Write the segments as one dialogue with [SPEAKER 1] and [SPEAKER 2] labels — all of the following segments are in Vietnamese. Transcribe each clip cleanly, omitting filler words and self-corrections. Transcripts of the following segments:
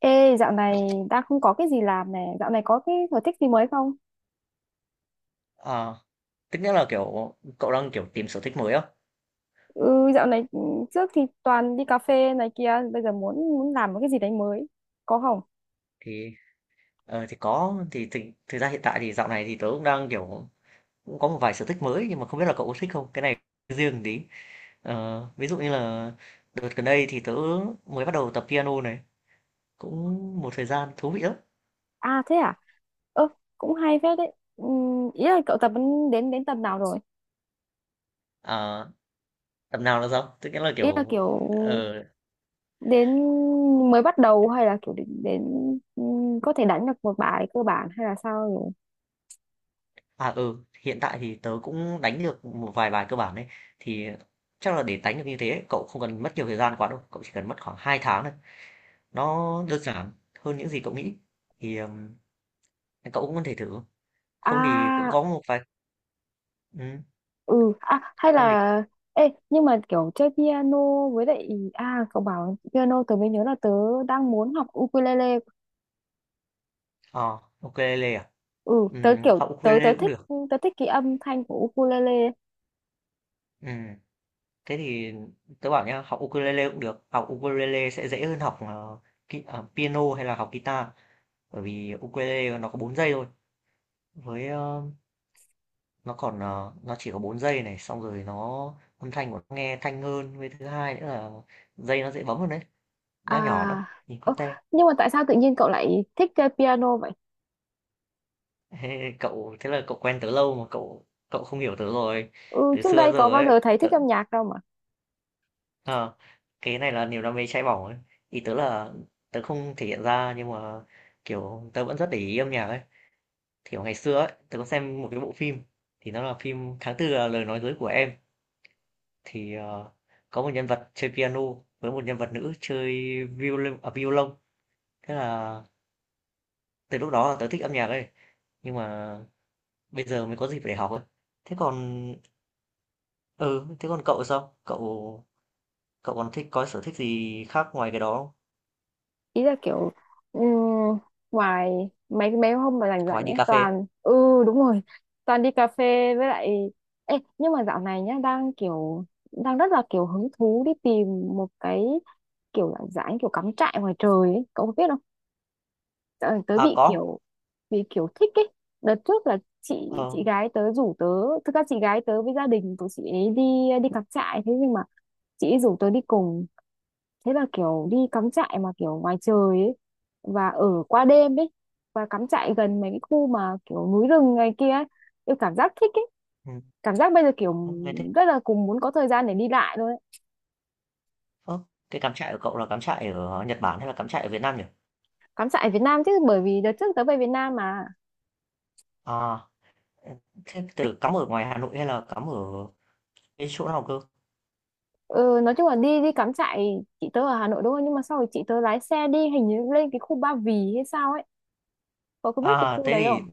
[SPEAKER 1] Ê, dạo này đang không có cái gì làm này, dạo này có cái sở thích gì mới không?
[SPEAKER 2] À, tức nghĩa là, kiểu, cậu đang, kiểu, tìm sở thích mới á?
[SPEAKER 1] Ừ, dạo này trước thì toàn đi cà phê này kia, bây giờ muốn muốn làm một cái gì đấy mới, có không?
[SPEAKER 2] Thì, thì có, thì thực thực ra hiện tại thì dạo này thì tớ cũng đang, kiểu, cũng có một vài sở thích mới nhưng mà không biết là cậu có thích không? Cái này riêng tí. Ví dụ như là đợt gần đây thì tớ mới bắt đầu tập piano này, cũng một thời gian thú vị lắm.
[SPEAKER 1] À thế à? Ơ, cũng hay phết đấy. Ý là cậu tập đến đến đến tầm nào rồi?
[SPEAKER 2] À, tập nào là sao? Tức nghĩa là,
[SPEAKER 1] Ý là
[SPEAKER 2] kiểu,
[SPEAKER 1] kiểu
[SPEAKER 2] ờ,
[SPEAKER 1] đến mới bắt đầu hay là kiểu đến có thể đánh được một bài cơ bản hay là sao rồi?
[SPEAKER 2] à, ừ, hiện tại thì tớ cũng đánh được một vài bài cơ bản đấy thì chắc là để đánh được như thế cậu không cần mất nhiều thời gian quá đâu, cậu chỉ cần mất khoảng 2 tháng. Nó đơn giản hơn những gì cậu nghĩ, thì, cậu cũng có thể thử. Không thì cũng
[SPEAKER 1] À,
[SPEAKER 2] có một vài ừm,
[SPEAKER 1] ừ à hay
[SPEAKER 2] không thì
[SPEAKER 1] là ê nhưng mà kiểu chơi piano với lại, à cậu bảo piano tớ mới nhớ là tớ đang muốn học ukulele.
[SPEAKER 2] ờ, ukulele à?
[SPEAKER 1] Ừ, tớ kiểu
[SPEAKER 2] Học
[SPEAKER 1] tớ
[SPEAKER 2] ukulele cũng được.
[SPEAKER 1] tớ thích cái âm thanh của ukulele.
[SPEAKER 2] Ừm, Thế thì tớ bảo nhá, học ukulele cũng được. Học ukulele sẽ dễ hơn học, piano hay là học guitar, bởi vì ukulele nó có 4 giây thôi. Với, nó còn, nó chỉ có 4 giây này, xong rồi nó âm thanh của nó nghe thanh hơn, với thứ hai nữa là dây nó dễ bấm hơn đấy, nó nhỏ nữa,
[SPEAKER 1] À,
[SPEAKER 2] nhìn
[SPEAKER 1] ơ,
[SPEAKER 2] cute.
[SPEAKER 1] nhưng mà tại sao tự nhiên cậu lại thích chơi piano vậy?
[SPEAKER 2] Ê, cậu thế là cậu quen tớ lâu mà cậu cậu không hiểu tớ rồi
[SPEAKER 1] Ừ,
[SPEAKER 2] từ
[SPEAKER 1] trước
[SPEAKER 2] xưa
[SPEAKER 1] đây có
[SPEAKER 2] giờ
[SPEAKER 1] bao
[SPEAKER 2] ấy
[SPEAKER 1] giờ thấy thích
[SPEAKER 2] tớ,
[SPEAKER 1] âm nhạc đâu.
[SPEAKER 2] ờ, cái này là niềm đam mê cháy bỏng ấy ý tớ là tớ không thể hiện ra nhưng mà kiểu tớ vẫn rất để ý âm nhạc ấy kiểu ngày xưa ấy tớ có xem một cái bộ phim thì nó là phim Tháng Tư là lời nói dối của em thì có một nhân vật chơi piano với một nhân vật nữ chơi violon thế là từ lúc đó là tớ thích âm nhạc ấy nhưng mà bây giờ mới có dịp để học ấy thế còn. Ừ, thế còn cậu sao? Cậu cậu còn thích có sở thích gì khác ngoài cái đó không?
[SPEAKER 1] Ý là kiểu ừm, ngoài mấy mấy hôm mà rảnh
[SPEAKER 2] Ngoài
[SPEAKER 1] rảnh
[SPEAKER 2] đi
[SPEAKER 1] ấy
[SPEAKER 2] cà phê.
[SPEAKER 1] toàn ừ. Đúng rồi, toàn đi cà phê với lại. Ê, nhưng mà dạo này nhá đang rất là kiểu hứng thú đi tìm một cái kiểu dạng dáng kiểu cắm trại ngoài trời ấy, cậu có biết không? Ờ, tớ
[SPEAKER 2] À
[SPEAKER 1] bị
[SPEAKER 2] có.
[SPEAKER 1] kiểu bị kiểu thích ấy. Đợt trước là chị
[SPEAKER 2] Ờ,
[SPEAKER 1] chị gái tớ rủ tớ. Thực ra chị gái tớ với gia đình của chị ấy đi đi cắm trại, thế nhưng mà chị ấy rủ tớ đi cùng, thế là kiểu đi cắm trại mà kiểu ngoài trời ấy và ở qua đêm ấy và cắm trại gần mấy cái khu mà kiểu núi rừng này kia ấy, tôi cảm giác thích ấy.
[SPEAKER 2] ừ,
[SPEAKER 1] Cảm giác bây giờ kiểu
[SPEAKER 2] không nghe thích.
[SPEAKER 1] rất là cùng muốn có thời gian để đi lại thôi ấy.
[SPEAKER 2] Ơ, cái cắm trại của cậu là cắm trại ở Nhật Bản hay là cắm trại ở Việt Nam nhỉ?
[SPEAKER 1] Cắm trại ở Việt Nam chứ, bởi vì đợt trước tớ về Việt Nam mà.
[SPEAKER 2] À, thế từ cắm ở ngoài Hà Nội hay là cắm ở cái chỗ nào cơ?
[SPEAKER 1] Ừ, nói chung là đi đi cắm trại, chị tớ ở Hà Nội đúng không, nhưng mà sau rồi chị tớ lái xe đi hình như lên cái khu Ba Vì hay sao ấy, cậu có biết cái
[SPEAKER 2] À,
[SPEAKER 1] khu
[SPEAKER 2] thế
[SPEAKER 1] đấy
[SPEAKER 2] thì
[SPEAKER 1] không?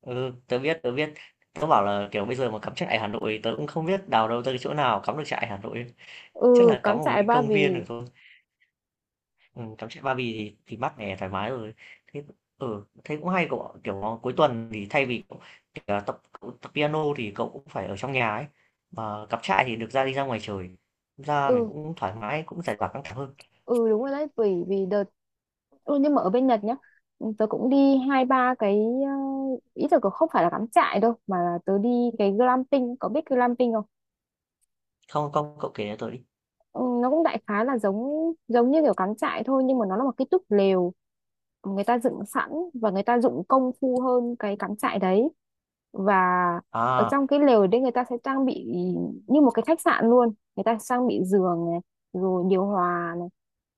[SPEAKER 2] ừ, tớ biết, tớ biết. Tớ bảo là kiểu bây giờ mà cắm trại Hà Nội tớ cũng không biết đào đâu tới cái chỗ nào cắm được trại Hà Nội. Chắc
[SPEAKER 1] Ừ,
[SPEAKER 2] là cắm
[SPEAKER 1] cắm
[SPEAKER 2] ở một
[SPEAKER 1] trại
[SPEAKER 2] cái
[SPEAKER 1] Ba
[SPEAKER 2] công viên được
[SPEAKER 1] Vì.
[SPEAKER 2] thôi. Cắm trại Ba Vì thì mát mẻ, thoải mái rồi. Thế Thế cũng hay cậu ạ. Kiểu, cuối tuần thì thay vì, cậu, kiểu là, cậu tập piano thì cậu cũng phải ở trong nhà ấy, mà cắm trại thì được ra đi ra ngoài trời, ra mình
[SPEAKER 1] Ừ,
[SPEAKER 2] cũng thoải mái, cũng giải tỏa căng thẳng hơn.
[SPEAKER 1] ừ, đúng rồi đấy, vì vì đợt. Ừ, nhưng mà ở bên Nhật nhá, ừ, tớ cũng đi hai ba cái, ờ, ý tưởng không phải là cắm trại đâu mà là tớ đi cái glamping, có biết glamping không?
[SPEAKER 2] Không, không, cậu kể cho tớ đi.
[SPEAKER 1] Ừ, nó cũng đại khái là giống giống như kiểu cắm trại thôi nhưng mà nó là một cái túp lều người ta dựng sẵn và người ta dụng công phu hơn cái cắm trại đấy. Và ở
[SPEAKER 2] À,
[SPEAKER 1] trong cái lều đấy người ta sẽ trang bị như một cái khách sạn luôn, người ta trang bị giường này, rồi điều hòa này,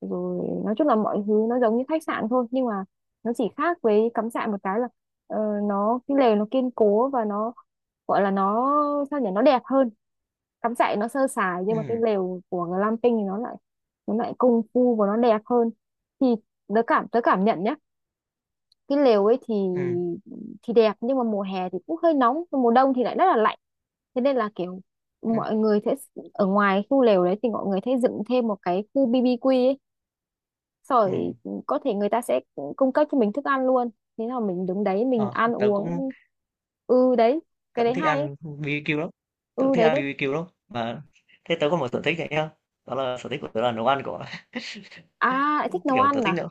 [SPEAKER 1] rồi nói chung là mọi thứ nó giống như khách sạn thôi nhưng mà nó chỉ khác với cắm trại một cái là, ờ, nó cái lều nó kiên cố và nó gọi là nó sao nhỉ, nó đẹp hơn. Cắm trại nó sơ sài nhưng mà cái
[SPEAKER 2] ừm,
[SPEAKER 1] lều của glamping thì nó lại công phu và nó đẹp hơn. Thì tớ cảm nhận nhá, cái lều ấy thì
[SPEAKER 2] ừm,
[SPEAKER 1] đẹp nhưng mà mùa hè thì cũng hơi nóng còn mùa đông thì lại rất là lạnh. Thế nên là kiểu
[SPEAKER 2] ừm,
[SPEAKER 1] mọi người sẽ ở ngoài khu lều đấy thì mọi người sẽ dựng thêm một cái khu BBQ ấy, rồi
[SPEAKER 2] ừm,
[SPEAKER 1] ừ, có thể người ta sẽ cung cấp cho mình thức ăn luôn, thế là mình đứng đấy mình
[SPEAKER 2] ờ,
[SPEAKER 1] ăn
[SPEAKER 2] tớ cũng
[SPEAKER 1] uống. Ừ đấy, cái
[SPEAKER 2] tớ cũng
[SPEAKER 1] đấy
[SPEAKER 2] thích
[SPEAKER 1] hay ấy.
[SPEAKER 2] ăn BBQ lắm, tớ cũng
[SPEAKER 1] Ừ
[SPEAKER 2] thích
[SPEAKER 1] đấy
[SPEAKER 2] ăn
[SPEAKER 1] đấy.
[SPEAKER 2] BBQ lắm. Mà thế tớ có một sở thích này nhá, đó là sở thích của tớ là nấu ăn cậu ạ.
[SPEAKER 1] À lại thích nấu
[SPEAKER 2] Kiểu, tớ
[SPEAKER 1] ăn
[SPEAKER 2] thích
[SPEAKER 1] à?
[SPEAKER 2] nấu.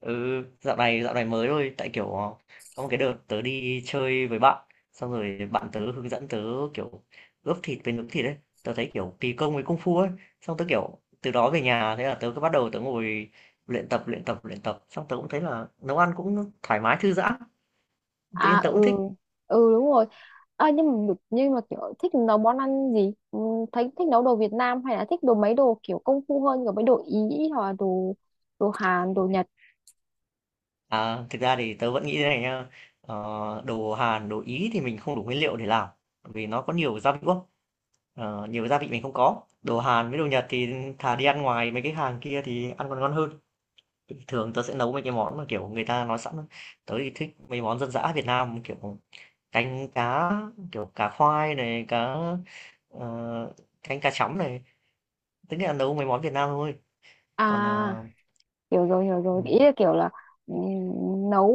[SPEAKER 2] Ừ, dạo này mới thôi, tại kiểu có một cái đợt tớ đi chơi với bạn, xong rồi bạn tớ hướng dẫn tớ kiểu ướp thịt với nướng thịt ấy, tớ thấy kiểu kỳ công với công phu ấy, xong tớ kiểu từ đó về nhà thế là tớ cứ bắt đầu tớ ngồi luyện tập luyện tập luyện tập, xong tớ cũng thấy là nấu ăn cũng thoải mái thư giãn, tự
[SPEAKER 1] À,
[SPEAKER 2] nhiên tớ cũng
[SPEAKER 1] ừ.
[SPEAKER 2] thích.
[SPEAKER 1] Ừ, đúng rồi. À, nhưng mà nhưng mà kiểu thích nấu món ăn gì, ừ, thấy thích nấu đồ Việt Nam hay là thích đồ mấy đồ kiểu công phu hơn kiểu mấy đồ Ý, hoặc là đồ đồ Hàn, đồ Nhật.
[SPEAKER 2] À, thực ra thì tớ vẫn nghĩ thế này nha, ờ, đồ Hàn, đồ Ý thì mình không đủ nguyên liệu để làm, vì nó có nhiều gia vị quá. Ờ, nhiều gia vị mình không có đồ Hàn với đồ Nhật thì thà đi ăn ngoài mấy cái hàng kia thì ăn còn ngon hơn thường tớ sẽ nấu mấy cái món mà kiểu người ta nói sẵn tớ thì thích mấy món dân dã Việt Nam kiểu canh cá kiểu cá khoai này cá ờ, canh cá chấm này tức là nấu mấy món Việt Nam thôi còn
[SPEAKER 1] À, hiểu rồi, hiểu
[SPEAKER 2] ừ,
[SPEAKER 1] rồi, ý là kiểu là, ừ, nấu,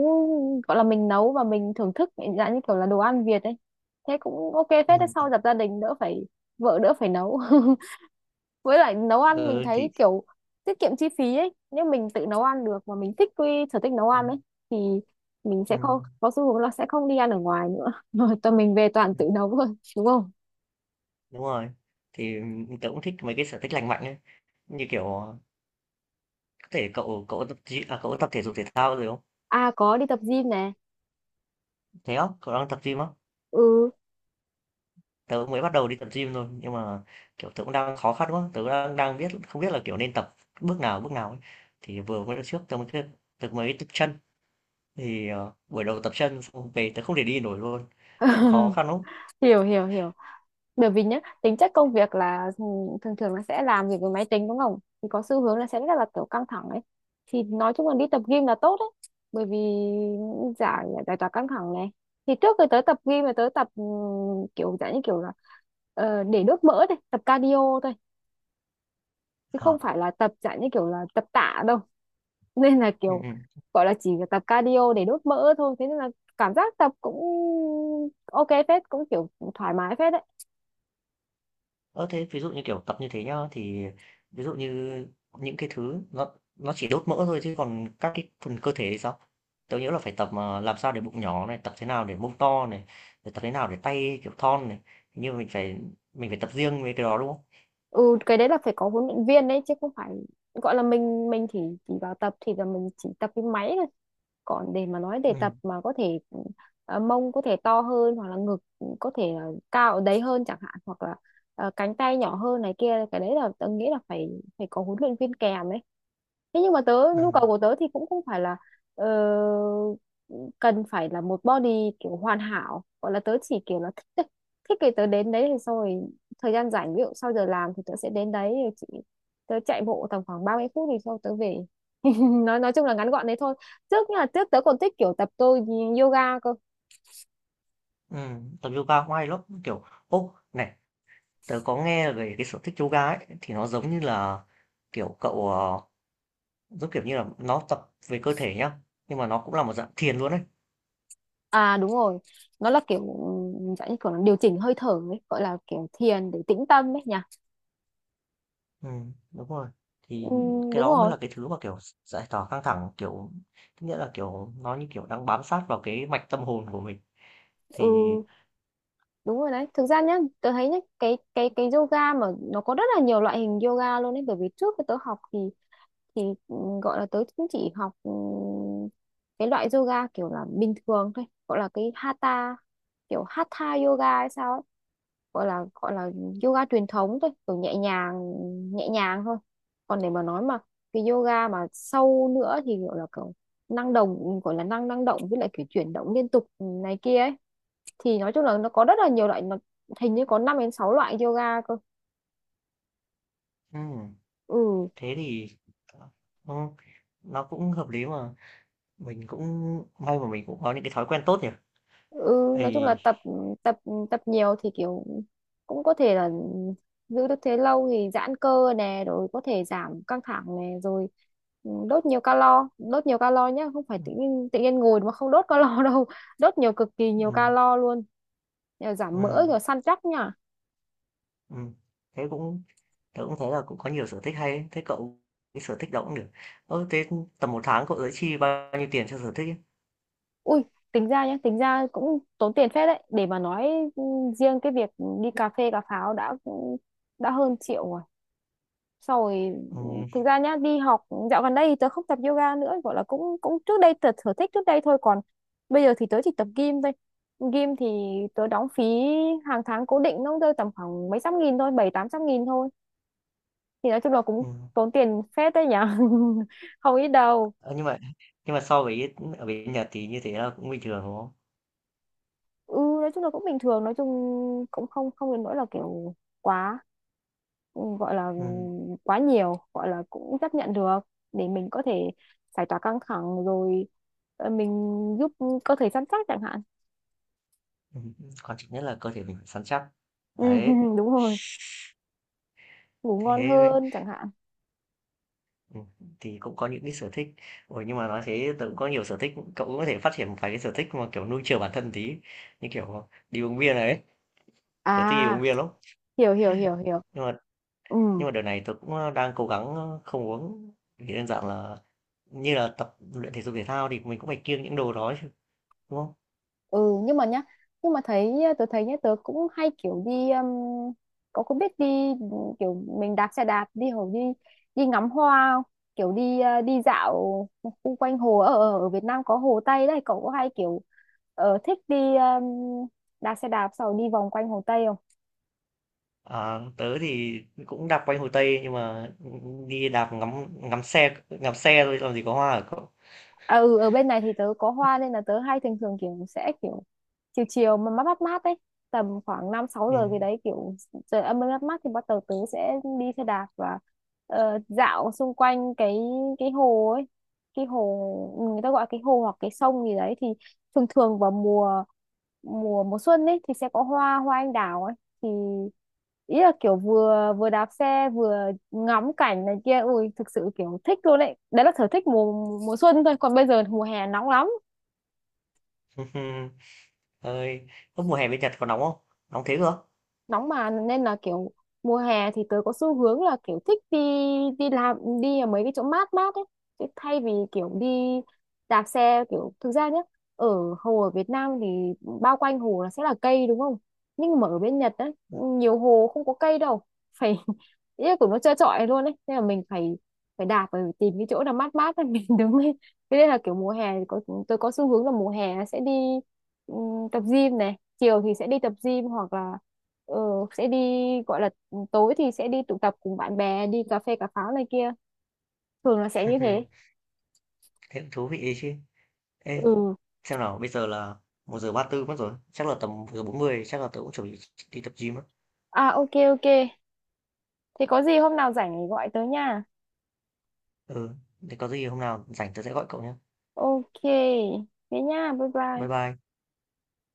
[SPEAKER 1] gọi là mình nấu và mình thưởng thức dạng như kiểu là đồ ăn Việt ấy. Thế cũng ok phết đấy, sau
[SPEAKER 2] ừ,
[SPEAKER 1] dập gia đình đỡ phải, vợ đỡ phải nấu. Với lại nấu ăn mình
[SPEAKER 2] ừ, thì
[SPEAKER 1] thấy kiểu tiết kiệm chi phí ấy, nếu mình tự nấu ăn được mà mình thích cái sở thích nấu
[SPEAKER 2] ừ,
[SPEAKER 1] ăn ấy thì mình
[SPEAKER 2] ừ,
[SPEAKER 1] sẽ không có xu hướng là sẽ không đi ăn ở ngoài nữa, rồi tụi mình về toàn tự nấu thôi, đúng không?
[SPEAKER 2] đúng rồi thì tớ cũng thích mấy cái sở thích lành mạnh ấy như kiểu có thể cậu cậu cậu tập thể dục thể thao rồi không
[SPEAKER 1] À, có đi tập gym nè.
[SPEAKER 2] thế không cậu đang tập gym á.
[SPEAKER 1] Ừ.
[SPEAKER 2] Tớ mới bắt đầu đi tập gym thôi, nhưng mà, kiểu, tớ cũng đang khó khăn quá, tớ đang đang biết không biết là, kiểu, nên tập bước nào ấy. Thì vừa mới trước tớ mới tập chân, thì, buổi đầu tập chân xong về tớ không thể đi nổi luôn, cũng khó khăn lắm.
[SPEAKER 1] Hiểu, hiểu, hiểu. Bởi vì nhá tính chất công việc là thường thường là sẽ làm việc với máy tính đúng không, thì có xu hướng là sẽ rất là kiểu căng thẳng ấy, thì nói chung là đi tập gym là tốt đấy, bởi vì giải giải tỏa căng thẳng này. Thì trước khi tới tập gym là tới tập kiểu dạng như kiểu là, để đốt mỡ thôi, tập cardio thôi, chứ không
[SPEAKER 2] Ờ,
[SPEAKER 1] phải là tập dạng như kiểu là tập tạ đâu. Nên là
[SPEAKER 2] ừ,
[SPEAKER 1] kiểu
[SPEAKER 2] ừ.
[SPEAKER 1] gọi là chỉ tập cardio để đốt mỡ thôi thế nên là cảm giác tập cũng ok phết, cũng kiểu thoải mái phết đấy.
[SPEAKER 2] Ơ, thế ví dụ như, kiểu, tập như thế nhá, thì ví dụ như những cái thứ nó chỉ đốt mỡ thôi chứ còn các cái phần cơ thể thì sao? Tớ nhớ là phải tập, mà làm sao để bụng nhỏ này, tập thế nào để mông to này, rồi tập thế nào để tay, kiểu, thon này, hình như mình phải tập riêng về cái đó, đúng không?
[SPEAKER 1] Ừ, cái đấy là phải có huấn luyện viên đấy chứ không phải gọi là mình chỉ vào tập thì là mình chỉ tập cái máy, còn để mà nói để
[SPEAKER 2] Ừm,
[SPEAKER 1] tập mà có thể mông có thể to hơn hoặc là ngực có thể là cao ở đấy hơn chẳng hạn, hoặc là cánh tay nhỏ hơn này kia, cái đấy là tớ nghĩ là phải phải có huấn luyện viên kèm ấy. Thế nhưng mà tớ nhu cầu
[SPEAKER 2] ừm,
[SPEAKER 1] của tớ thì cũng không phải là ờ, cần phải là một body kiểu hoàn hảo, gọi là tớ chỉ kiểu là thích thôi. Thích thì tớ đến đấy thì xong rồi, thời gian rảnh ví dụ sau giờ làm thì tớ sẽ đến đấy rồi chị tớ chạy bộ tầm khoảng 30 phút thì sau tớ về. Nói chung là ngắn gọn đấy thôi. Nhưng trước tớ còn thích kiểu tập tôi yoga cơ.
[SPEAKER 2] tập yoga cũng hay lắm, kiểu ô, này, tớ có nghe về cái sở thích yoga ấy, thì nó giống như là, kiểu, cậu, giống kiểu như là, nó tập về cơ thể nhá, nhưng mà nó cũng là một dạng thiền luôn ấy.
[SPEAKER 1] À đúng rồi, nó là kiểu dạng như kiểu nó điều chỉnh hơi thở ấy, gọi là kiểu thiền để tĩnh tâm ấy nhỉ.
[SPEAKER 2] Đúng rồi. Thì cái
[SPEAKER 1] Đúng
[SPEAKER 2] đó mới
[SPEAKER 1] rồi.
[SPEAKER 2] là cái thứ mà, kiểu, giải tỏa căng thẳng, kiểu, tức nghĩa là, kiểu, nó như kiểu đang bám sát vào cái mạch tâm hồn của mình, thì
[SPEAKER 1] Ừ đúng rồi đấy, thực ra nhá tớ thấy nhá cái yoga mà nó có rất là nhiều loại hình yoga luôn ấy, bởi vì trước khi tớ học thì thì gọi là tớ cũng chỉ học cái loại yoga kiểu là bình thường thôi, gọi là cái hatha, kiểu hatha yoga hay sao ấy, gọi là yoga truyền thống thôi kiểu nhẹ nhàng, nhẹ nhàng thôi. Còn để mà nói mà cái yoga mà sâu nữa thì gọi là kiểu năng động, gọi là năng năng động với lại kiểu chuyển động liên tục này kia ấy, thì nói chung là nó có rất là nhiều loại, nó hình như có 5 đến 6 loại yoga cơ.
[SPEAKER 2] Ừm.
[SPEAKER 1] Ừ.
[SPEAKER 2] Thế thì ờ, ừ, nó cũng hợp lý mà. Mình cũng may mà mình cũng có những cái thói quen tốt nhỉ?
[SPEAKER 1] Ừ, nói chung là
[SPEAKER 2] Thì
[SPEAKER 1] tập tập tập nhiều thì kiểu cũng có thể là giữ được thế lâu thì giãn cơ nè, rồi có thể giảm căng thẳng nè, rồi ừ, đốt nhiều calo, đốt nhiều calo nhá, không phải
[SPEAKER 2] ừ,
[SPEAKER 1] tự nhiên ngồi mà không đốt calo đâu. Đốt nhiều, cực kỳ nhiều
[SPEAKER 2] ừ,
[SPEAKER 1] calo luôn. Nhờ giảm mỡ
[SPEAKER 2] ừm,
[SPEAKER 1] rồi săn chắc nhá.
[SPEAKER 2] ừm, thế cũng tớ cũng thấy là cũng có nhiều sở thích hay ấy, thế cậu cái sở thích đó cũng được. Ơ, thế tầm một tháng cậu sẽ chi bao nhiêu tiền cho sở thích ấy?
[SPEAKER 1] Ui, tính ra nhá tính ra cũng tốn tiền phết đấy để mà nói, ừ, riêng cái việc đi cà phê cà pháo đã đã hơn triệu. Xong rồi, ừ,
[SPEAKER 2] Ừm,
[SPEAKER 1] thực ra nhá đi học dạo gần đây thì tớ không tập yoga nữa, gọi là cũng cũng trước đây tớ sở thích trước đây thôi, còn bây giờ thì tớ chỉ tập gym thôi. Gym thì tớ đóng phí hàng tháng cố định, nó rơi tầm khoảng mấy trăm nghìn thôi, bảy tám trăm nghìn thôi, thì nói chung là cũng
[SPEAKER 2] ừm.
[SPEAKER 1] tốn tiền phết đấy nhở, không ít đâu.
[SPEAKER 2] Ờ, nhưng mà so với ở bên Nhật thì như thế là cũng bình thường đúng không?
[SPEAKER 1] Ừ, nói chung là cũng bình thường, nói chung cũng không không đến nỗi là kiểu quá, gọi là
[SPEAKER 2] Ừm,
[SPEAKER 1] quá nhiều, gọi là cũng chấp nhận được để mình có thể giải tỏa căng thẳng rồi, mình giúp cơ thể săn chắc chẳng hạn.
[SPEAKER 2] Quan trọng nhất là cơ thể mình phải săn chắc.
[SPEAKER 1] Ừ,
[SPEAKER 2] Đấy.
[SPEAKER 1] đúng rồi, ngủ ngon
[SPEAKER 2] Thế mới-
[SPEAKER 1] hơn chẳng hạn.
[SPEAKER 2] ừ, thì cũng có những cái sở thích. Ủa nhưng mà nói thế tớ cũng có nhiều sở thích, cậu cũng có thể phát triển một vài cái sở thích mà kiểu nuôi chiều bản thân tí, như kiểu đi uống bia này ấy. Tớ thích đi
[SPEAKER 1] À,
[SPEAKER 2] uống bia lắm.
[SPEAKER 1] hiểu, hiểu, hiểu, hiểu.
[SPEAKER 2] Nhưng mà
[SPEAKER 1] Ừ,
[SPEAKER 2] nhưng mà đợt này tớ cũng đang cố gắng không uống vì đơn giản là như là tập luyện thể dục thể thao thì mình cũng phải kiêng những đồ đó chứ, đúng không?
[SPEAKER 1] ừ, nhưng mà nhá, nhưng mà tớ thấy nhá tớ cũng hay kiểu đi có biết đi kiểu mình đạp xe đạp đi hồ đi đi ngắm hoa không? Kiểu đi đi dạo xung quanh hồ ở ở ở Việt Nam có Hồ Tây đấy, cậu có hay kiểu thích đi đạp xe đạp sau đi vòng quanh Hồ Tây không?
[SPEAKER 2] Ờ, tớ thì cũng đạp quanh Hồ Tây nhưng mà đi đạp ngắm ngắm xe thôi làm gì có hoa ở cậu.
[SPEAKER 1] À, ừ, ở bên này thì tớ có hoa nên là tớ hay thường thường kiểu chiều chiều mà mát mát mát đấy, tầm khoảng 5 sáu
[SPEAKER 2] Ừ.
[SPEAKER 1] giờ gì đấy kiểu trời âm mát mát thì bắt đầu tớ sẽ đi xe đạp và dạo xung quanh cái hồ ấy, cái hồ, ừ, người ta gọi cái hồ hoặc cái sông gì đấy thì thường thường vào mùa mùa mùa xuân ấy thì sẽ có hoa hoa anh đào ấy. Thì ý là kiểu vừa vừa đạp xe vừa ngắm cảnh này kia, ui thực sự kiểu thích luôn đấy, đấy là sở thích mùa mùa xuân thôi, còn bây giờ thì mùa hè nóng lắm.
[SPEAKER 2] Ơi, lúc mùa hè bên Nhật có nóng không? Nóng thế cơ?
[SPEAKER 1] Nóng mà nên là kiểu mùa hè thì tớ có xu hướng là kiểu thích đi đi làm đi ở mấy cái chỗ mát mát ấy. Chứ thay vì kiểu đi đạp xe kiểu thực ra nhá ở hồ ở Việt Nam thì bao quanh hồ là sẽ là cây đúng không, nhưng mà ở bên Nhật ấy nhiều hồ không có cây đâu, phải ý là của nó trơ trọi luôn ấy nên là mình phải phải đạp phải tìm cái chỗ nào mát mát để mình đứng. Thế nên là kiểu mùa hè thì có tôi có xu hướng là mùa hè sẽ đi tập gym này, chiều thì sẽ đi tập gym hoặc là ờ, sẽ đi gọi là tối thì sẽ đi tụ tập cùng bạn bè đi cà phê cà pháo này kia. Thường là sẽ như thế.
[SPEAKER 2] Thế cũng thú vị đấy chứ. Ê,
[SPEAKER 1] Ừ.
[SPEAKER 2] xem nào, bây giờ là một giờ 34 mất rồi. Chắc là tầm 1 giờ bốn mươi chắc là tớ cũng chuẩn bị đi tập gym á.
[SPEAKER 1] À ok ok. Thế có gì hôm nào rảnh thì gọi tới nha.
[SPEAKER 2] Ừ, thế có gì hôm nào rảnh tớ sẽ gọi cậu nhé.
[SPEAKER 1] Ok. Thế nha. Bye bye.
[SPEAKER 2] Bye bye.